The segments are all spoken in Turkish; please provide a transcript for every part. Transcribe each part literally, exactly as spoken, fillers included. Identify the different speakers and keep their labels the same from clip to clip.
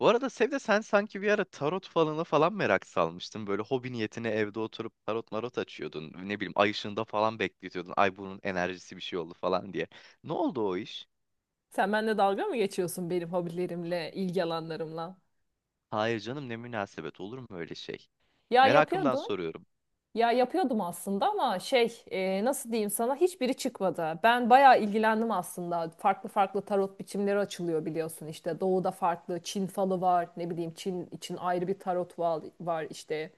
Speaker 1: Bu arada Sevde sen sanki bir ara tarot falanı falan merak salmıştın. Böyle hobi niyetine evde oturup tarot marot açıyordun. Ne bileyim ay ışığında falan bekletiyordun. Ay bunun enerjisi bir şey oldu falan diye. Ne oldu o iş?
Speaker 2: Sen benimle dalga mı geçiyorsun benim hobilerimle, ilgi alanlarımla?
Speaker 1: Hayır canım, ne münasebet, olur mu öyle şey?
Speaker 2: Ya
Speaker 1: Merakımdan
Speaker 2: yapıyordum.
Speaker 1: soruyorum.
Speaker 2: Ya yapıyordum aslında ama şey e, nasıl diyeyim sana hiçbiri çıkmadı. Ben bayağı ilgilendim aslında. Farklı farklı tarot biçimleri açılıyor biliyorsun işte. Doğuda farklı Çin falı var. Ne bileyim Çin için ayrı bir tarot val- var işte.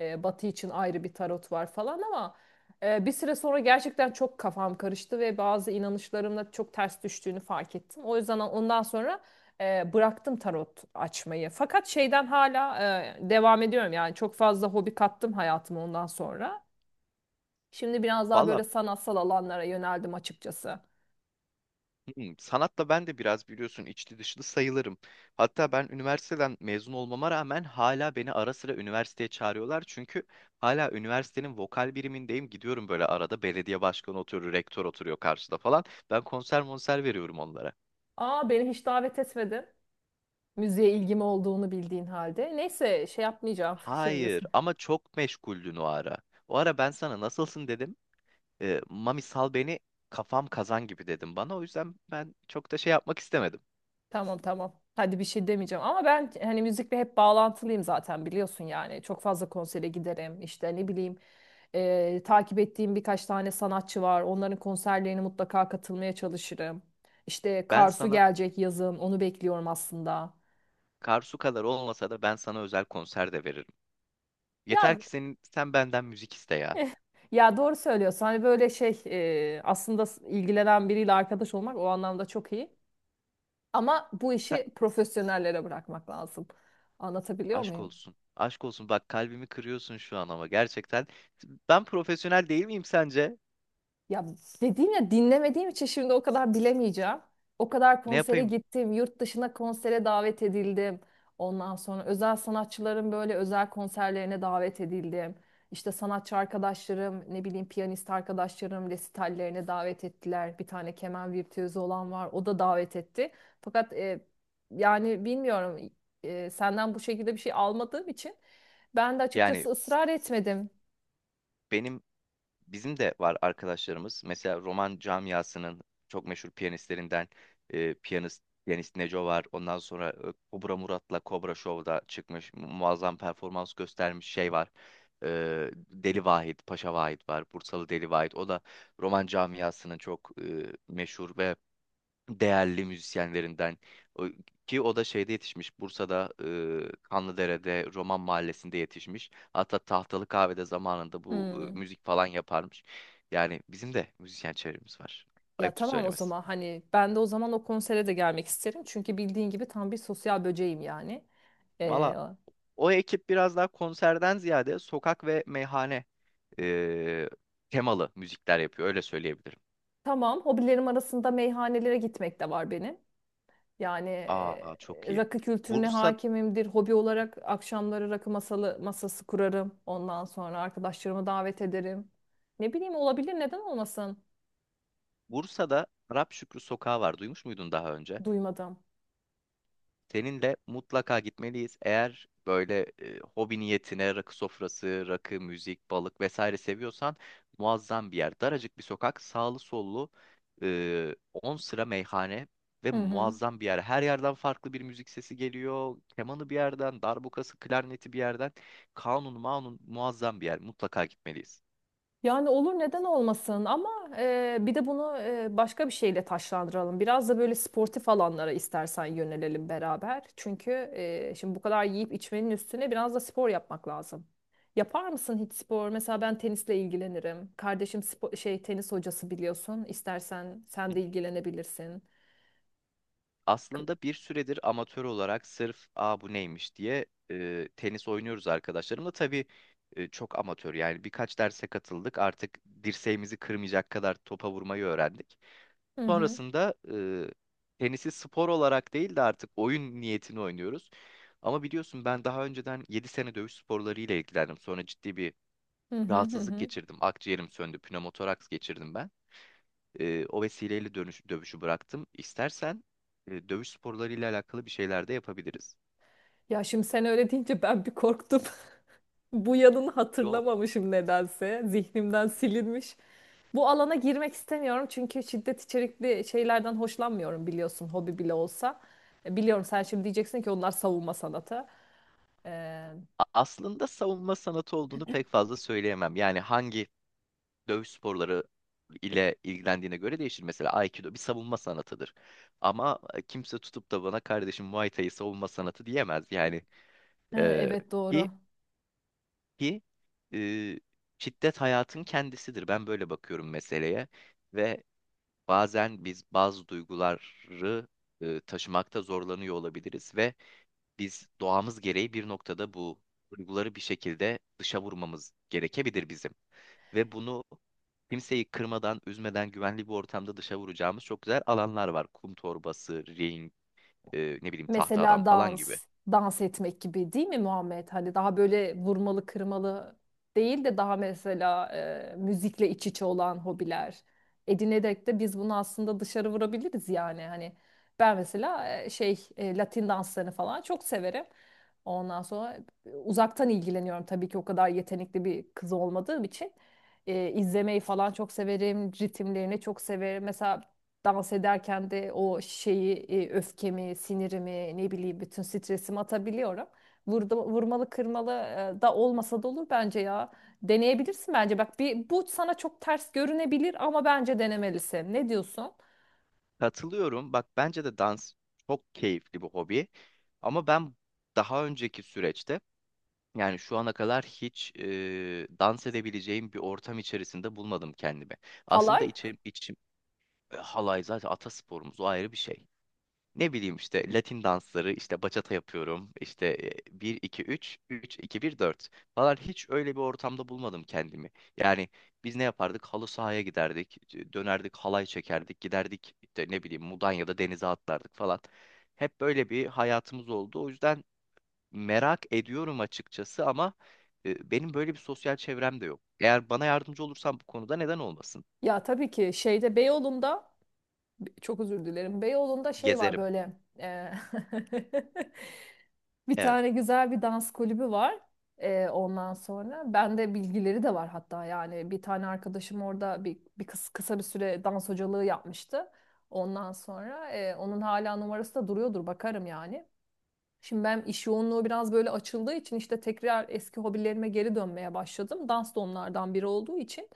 Speaker 2: E, Batı için ayrı bir tarot var falan ama e, bir süre sonra gerçekten çok kafam karıştı ve bazı inanışlarımla çok ters düştüğünü fark ettim. O yüzden ondan sonra E, bıraktım tarot açmayı. Fakat şeyden hala e, devam ediyorum. Yani çok fazla hobi kattım hayatıma ondan sonra. Şimdi biraz daha
Speaker 1: Valla.
Speaker 2: böyle sanatsal alanlara yöneldim açıkçası.
Speaker 1: Hmm, sanatla ben de biraz biliyorsun içli dışlı sayılırım. Hatta ben üniversiteden mezun olmama rağmen hala beni ara sıra üniversiteye çağırıyorlar. Çünkü hala üniversitenin vokal birimindeyim. Gidiyorum, böyle arada belediye başkanı oturuyor, rektör oturuyor karşıda falan. Ben konser monser veriyorum onlara.
Speaker 2: Aa beni hiç davet etmedin. Müziğe ilgim olduğunu bildiğin halde. Neyse şey yapmayacağım şimdi.
Speaker 1: Hayır ama çok meşguldün o ara. O ara ben sana nasılsın dedim. E, Mami sal beni, kafam kazan gibi dedim bana. O yüzden ben çok da şey yapmak istemedim.
Speaker 2: Tamam, tamam. Hadi bir şey demeyeceğim ama ben hani müzikle hep bağlantılıyım zaten biliyorsun yani. Çok fazla konsere giderim. İşte ne bileyim e, takip ettiğim birkaç tane sanatçı var. Onların konserlerine mutlaka katılmaya çalışırım. İşte
Speaker 1: Ben
Speaker 2: Karsu
Speaker 1: sana
Speaker 2: gelecek yazın. Onu bekliyorum aslında.
Speaker 1: Karsu kadar olmasa da ben sana özel konser de veririm. Yeter
Speaker 2: Ya
Speaker 1: ki senin sen benden müzik iste ya.
Speaker 2: eh, ya doğru söylüyorsun. Hani böyle şey e, aslında s- ilgilenen biriyle arkadaş olmak o anlamda çok iyi. Ama bu
Speaker 1: Sen,
Speaker 2: işi profesyonellere bırakmak lazım. Anlatabiliyor
Speaker 1: Aşk
Speaker 2: muyum?
Speaker 1: olsun. Aşk olsun. Bak kalbimi kırıyorsun şu an ama gerçekten. Ben profesyonel değil miyim sence?
Speaker 2: Ya dediğim ya dinlemediğim için şimdi o kadar bilemeyeceğim. O kadar
Speaker 1: Ne
Speaker 2: konsere
Speaker 1: yapayım?
Speaker 2: gittim, yurt dışına konsere davet edildim. Ondan sonra özel sanatçıların böyle özel konserlerine davet edildim. İşte sanatçı arkadaşlarım, ne bileyim piyanist arkadaşlarım resitallerine davet ettiler. Bir tane keman virtüözü olan var, o da davet etti. Fakat e, yani bilmiyorum, e, senden bu şekilde bir şey almadığım için ben de
Speaker 1: Yani
Speaker 2: açıkçası ısrar etmedim.
Speaker 1: benim bizim de var arkadaşlarımız. Mesela roman camiasının çok meşhur piyanistlerinden e, piyanist Deniz Neco var. Ondan sonra e, Kobra Murat'la Kobra Show'da çıkmış. mu- Muazzam performans göstermiş şey var. E, Deli Vahit, Paşa Vahit var. Bursalı Deli Vahit. O da roman camiasının çok e, meşhur ve değerli müzisyenlerinden. O- Ki o da şeyde yetişmiş, Bursa'da e, Kanlıdere'de Roman Mahallesi'nde yetişmiş, hatta Tahtalı Kahve'de zamanında bu e,
Speaker 2: Hmm.
Speaker 1: müzik falan yaparmış. Yani bizim de müzisyen çevremiz var,
Speaker 2: Ya
Speaker 1: ayıptır
Speaker 2: tamam o
Speaker 1: söylemesi.
Speaker 2: zaman hani ben de o zaman o konsere de gelmek isterim. Çünkü bildiğin gibi tam bir sosyal böceğim yani. Ee,
Speaker 1: Valla, o ekip biraz daha konserden ziyade sokak ve meyhane e, temalı müzikler yapıyor, öyle söyleyebilirim.
Speaker 2: tamam hobilerim arasında meyhanelere gitmek de var benim. Yani
Speaker 1: Aa, çok
Speaker 2: e,
Speaker 1: iyi.
Speaker 2: rakı kültürüne
Speaker 1: Bursa,
Speaker 2: hakimimdir. Hobi olarak akşamları rakı masalı, masası kurarım. Ondan sonra arkadaşlarımı davet ederim. Ne bileyim olabilir, neden olmasın?
Speaker 1: Bursa'da Arap Şükrü Sokağı var, duymuş muydun daha önce?
Speaker 2: Duymadım.
Speaker 1: Seninle mutlaka gitmeliyiz. Eğer böyle e, hobi niyetine rakı sofrası, rakı, müzik, balık vesaire seviyorsan, muazzam bir yer. Daracık bir sokak, sağlı sollu e, on sıra meyhane ve
Speaker 2: Hı hı.
Speaker 1: muazzam bir yer. Her yerden farklı bir müzik sesi geliyor. Kemanı bir yerden, darbukası, klarneti bir yerden. Kanun, manun, muazzam bir yer. Mutlaka gitmeliyiz.
Speaker 2: Yani olur neden olmasın ama e, bir de bunu e, başka bir şeyle taşlandıralım. Biraz da böyle sportif alanlara istersen yönelelim beraber. Çünkü e, şimdi bu kadar yiyip içmenin üstüne biraz da spor yapmak lazım. Yapar mısın hiç spor? Mesela ben tenisle ilgilenirim. Kardeşim spo- şey tenis hocası biliyorsun. İstersen sen de ilgilenebilirsin. K-
Speaker 1: Aslında bir süredir amatör olarak sırf aa bu neymiş diye e, tenis oynuyoruz arkadaşlarımla. Tabii e, çok amatör, yani birkaç derse katıldık. Artık dirseğimizi kırmayacak kadar topa vurmayı öğrendik.
Speaker 2: Hı hı,
Speaker 1: Sonrasında e, tenisi spor olarak değil de artık oyun niyetini oynuyoruz. Ama biliyorsun ben daha önceden yedi sene dövüş sporlarıyla ilgilendim. Sonra ciddi bir
Speaker 2: hı hı, hı
Speaker 1: rahatsızlık
Speaker 2: hı.
Speaker 1: geçirdim. Akciğerim söndü, pnömotoraks geçirdim ben. E, o vesileyle dönüş, dövüşü bıraktım. İstersen e, dövüş sporlarıyla alakalı bir şeyler de yapabiliriz.
Speaker 2: Ya şimdi sen öyle deyince ben bir korktum. Bu yanını
Speaker 1: Yok.
Speaker 2: hatırlamamışım nedense. Zihnimden silinmiş. Bu alana girmek istemiyorum çünkü şiddet içerikli şeylerden hoşlanmıyorum biliyorsun hobi bile olsa. E, Biliyorum sen şimdi diyeceksin ki onlar savunma sanatı. E,
Speaker 1: A- Aslında savunma sanatı olduğunu pek fazla söyleyemem. Yani hangi dövüş sporları ile ilgilendiğine göre değişir. Mesela Aikido bir savunma sanatıdır. Ama e, kimse tutup da bana kardeşim Muay Thai savunma sanatı diyemez. Yani
Speaker 2: Ee,
Speaker 1: e,
Speaker 2: Evet,
Speaker 1: ki
Speaker 2: doğru.
Speaker 1: ki e, şiddet hayatın kendisidir. Ben böyle bakıyorum meseleye. Ve bazen biz bazı duyguları e, taşımakta zorlanıyor olabiliriz ve biz doğamız gereği bir noktada bu duyguları bir şekilde dışa vurmamız gerekebilir bizim. Ve bunu kimseyi kırmadan, üzmeden güvenli bir ortamda dışa vuracağımız çok güzel alanlar var. Kum torbası, ring, e, ne bileyim tahta
Speaker 2: Mesela
Speaker 1: adam falan gibi.
Speaker 2: dans, dans etmek gibi değil mi Muhammed? Hani daha böyle vurmalı kırmalı değil de daha mesela e, müzikle iç içe olan hobiler edinerek de biz bunu aslında dışarı vurabiliriz yani. Hani ben mesela e, şey e, Latin danslarını falan çok severim. Ondan sonra uzaktan ilgileniyorum tabii ki o kadar yetenekli bir kız olmadığım için. E, izlemeyi falan çok severim, ritimlerini çok severim. Mesela dans ederken de o şeyi e, öfkemi, sinirimi, ne bileyim bütün stresimi atabiliyorum. Vurdu, vurmalı kırmalı e, da olmasa da olur bence ya. Deneyebilirsin bence. Bak bir bu sana çok ters görünebilir ama bence denemelisin. Ne diyorsun?
Speaker 1: Katılıyorum. Bak bence de dans çok keyifli bir hobi. Ama ben daha önceki süreçte, yani şu ana kadar hiç e, dans edebileceğim bir ortam içerisinde bulmadım kendimi. Aslında
Speaker 2: Halay?
Speaker 1: içim, içim. E, halay zaten atasporumuz, o ayrı bir şey. Ne bileyim işte Latin dansları, işte bachata yapıyorum, işte bir iki üç üç iki bir dört falan, hiç öyle bir ortamda bulmadım kendimi. Yani biz ne yapardık? Halı sahaya giderdik, e, dönerdik halay çekerdik, giderdik işte ne bileyim Mudanya'da denize atlardık falan. Hep böyle bir hayatımız oldu. O yüzden merak ediyorum açıkçası ama e, benim böyle bir sosyal çevrem de yok. Eğer bana yardımcı olursan bu konuda, neden olmasın?
Speaker 2: Ya tabii ki şeyde Beyoğlu'nda çok özür dilerim. Beyoğlu'nda şey var
Speaker 1: Gezerim.
Speaker 2: böyle e, bir
Speaker 1: Evet.
Speaker 2: tane güzel bir dans kulübü var. Ee, ondan sonra bende bilgileri de var hatta, yani bir tane arkadaşım orada bir, bir kıs- kısa bir süre dans hocalığı yapmıştı. Ondan sonra e, onun hala numarası da duruyordur, bakarım yani. Şimdi ben iş yoğunluğu biraz böyle açıldığı için işte tekrar eski hobilerime geri dönmeye başladım. Dans da onlardan biri olduğu için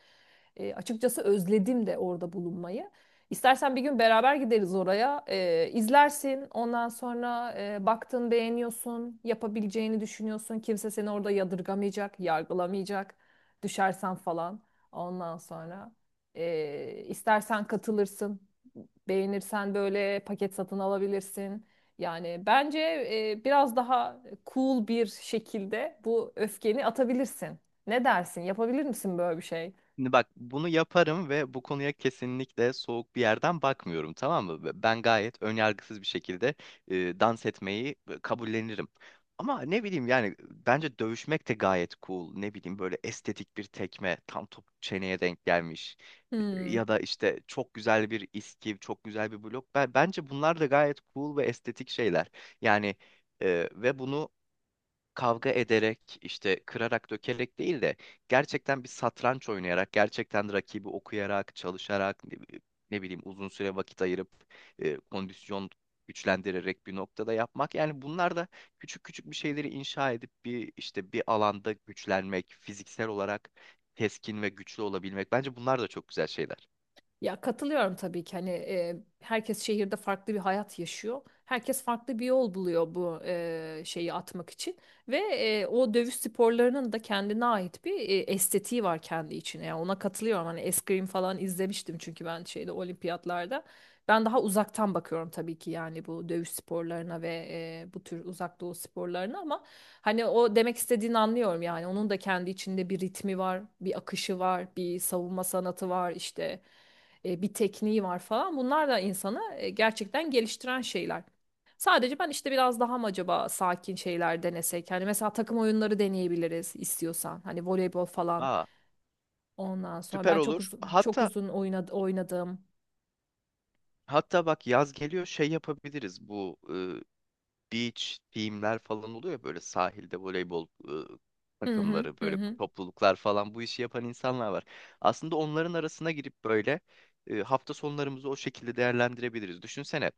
Speaker 2: e, açıkçası özledim de orada bulunmayı. İstersen bir gün beraber gideriz oraya. E, izlersin. Ondan sonra e, baktın beğeniyorsun. Yapabileceğini düşünüyorsun. Kimse seni orada yadırgamayacak, yargılamayacak. Düşersen falan. Ondan sonra e, istersen katılırsın. Beğenirsen böyle paket satın alabilirsin. Yani bence e, biraz daha cool bir şekilde bu öfkeni atabilirsin. Ne dersin? Yapabilir misin böyle bir şey?
Speaker 1: Şimdi bak, bunu yaparım ve bu konuya kesinlikle soğuk bir yerden bakmıyorum, tamam mı? Ve ben gayet önyargısız bir şekilde e, dans etmeyi e, kabullenirim. Ama ne bileyim yani, bence dövüşmek de gayet cool. Ne bileyim, böyle estetik bir tekme tam top çeneye denk gelmiş. E,
Speaker 2: Hmm.
Speaker 1: Ya da işte çok güzel bir iskiv, çok güzel bir blok. Ben, bence bunlar da gayet cool ve estetik şeyler. Yani e, ve bunu kavga ederek, işte kırarak dökerek değil de gerçekten bir satranç oynayarak, gerçekten rakibi okuyarak, çalışarak, ne, bi- ne bileyim uzun süre vakit ayırıp e, kondisyon güçlendirerek bir noktada yapmak. Yani bunlar da küçük küçük bir şeyleri inşa edip bir işte bir alanda güçlenmek, fiziksel olarak keskin ve güçlü olabilmek, bence bunlar da çok güzel şeyler.
Speaker 2: Ya katılıyorum tabii ki hani e, herkes şehirde farklı bir hayat yaşıyor. Herkes farklı bir yol buluyor bu e, şeyi atmak için ve e, o dövüş sporlarının da kendine ait bir e, estetiği var kendi içine. Yani ona katılıyorum. Hani eskrim falan izlemiştim çünkü ben şeyde olimpiyatlarda. Ben daha uzaktan bakıyorum tabii ki yani bu dövüş sporlarına ve e, bu tür uzak doğu sporlarına ama hani o demek istediğini anlıyorum yani onun da kendi içinde bir ritmi var, bir akışı var, bir savunma sanatı var işte e, bir tekniği var falan. Bunlar da insanı e, gerçekten geliştiren şeyler. Sadece ben işte biraz daha mı acaba sakin şeyler denesek? Hani mesela takım oyunları deneyebiliriz istiyorsan. Hani voleybol falan.
Speaker 1: Aa,
Speaker 2: Ondan sonra
Speaker 1: süper
Speaker 2: ben çok
Speaker 1: olur.
Speaker 2: uzun çok
Speaker 1: Hatta
Speaker 2: uzun oynadı, oynadım.
Speaker 1: hatta bak, yaz geliyor, şey yapabiliriz, bu beach team'ler falan oluyor ya, böyle sahilde voleybol ıı,
Speaker 2: Hı hı,
Speaker 1: takımları,
Speaker 2: hı
Speaker 1: böyle
Speaker 2: hı.
Speaker 1: topluluklar falan, bu işi yapan insanlar var. Aslında onların arasına girip böyle ıı, hafta sonlarımızı o şekilde değerlendirebiliriz. Düşünsene,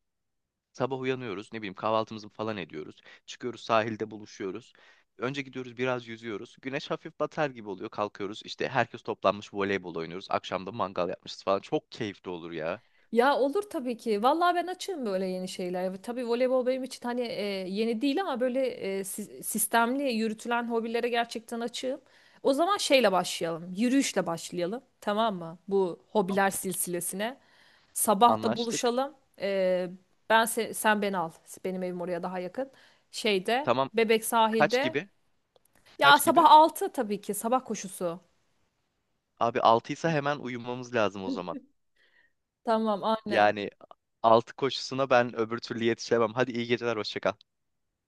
Speaker 1: sabah uyanıyoruz, ne bileyim kahvaltımızı falan ediyoruz. Çıkıyoruz, sahilde buluşuyoruz. Önce gidiyoruz biraz yüzüyoruz. Güneş hafif batar gibi oluyor. Kalkıyoruz, işte herkes toplanmış voleybol oynuyoruz. Akşamda mangal yapmışız falan. Çok keyifli olur ya.
Speaker 2: Ya olur tabii ki. Vallahi ben açığım böyle yeni şeyler. Tabii voleybol benim için hani e, yeni değil ama böyle e, si- sistemli yürütülen hobilere gerçekten açığım. O zaman şeyle başlayalım. Yürüyüşle başlayalım. Tamam mı? Bu
Speaker 1: Tamam.
Speaker 2: hobiler silsilesine. Sabah da
Speaker 1: Anlaştık.
Speaker 2: buluşalım. E, ben se- sen beni al. Benim evim oraya daha yakın. Şeyde
Speaker 1: Tamam.
Speaker 2: Bebek
Speaker 1: Kaç
Speaker 2: sahilde.
Speaker 1: gibi?
Speaker 2: Ya
Speaker 1: Kaç
Speaker 2: sabah
Speaker 1: gibi?
Speaker 2: altı tabii ki. Sabah koşusu.
Speaker 1: Abi altıysa hemen uyumamız lazım o zaman.
Speaker 2: Tamam, aynen.
Speaker 1: Yani altı koşusuna ben öbür türlü yetişemem. Hadi iyi geceler, hoşça kal.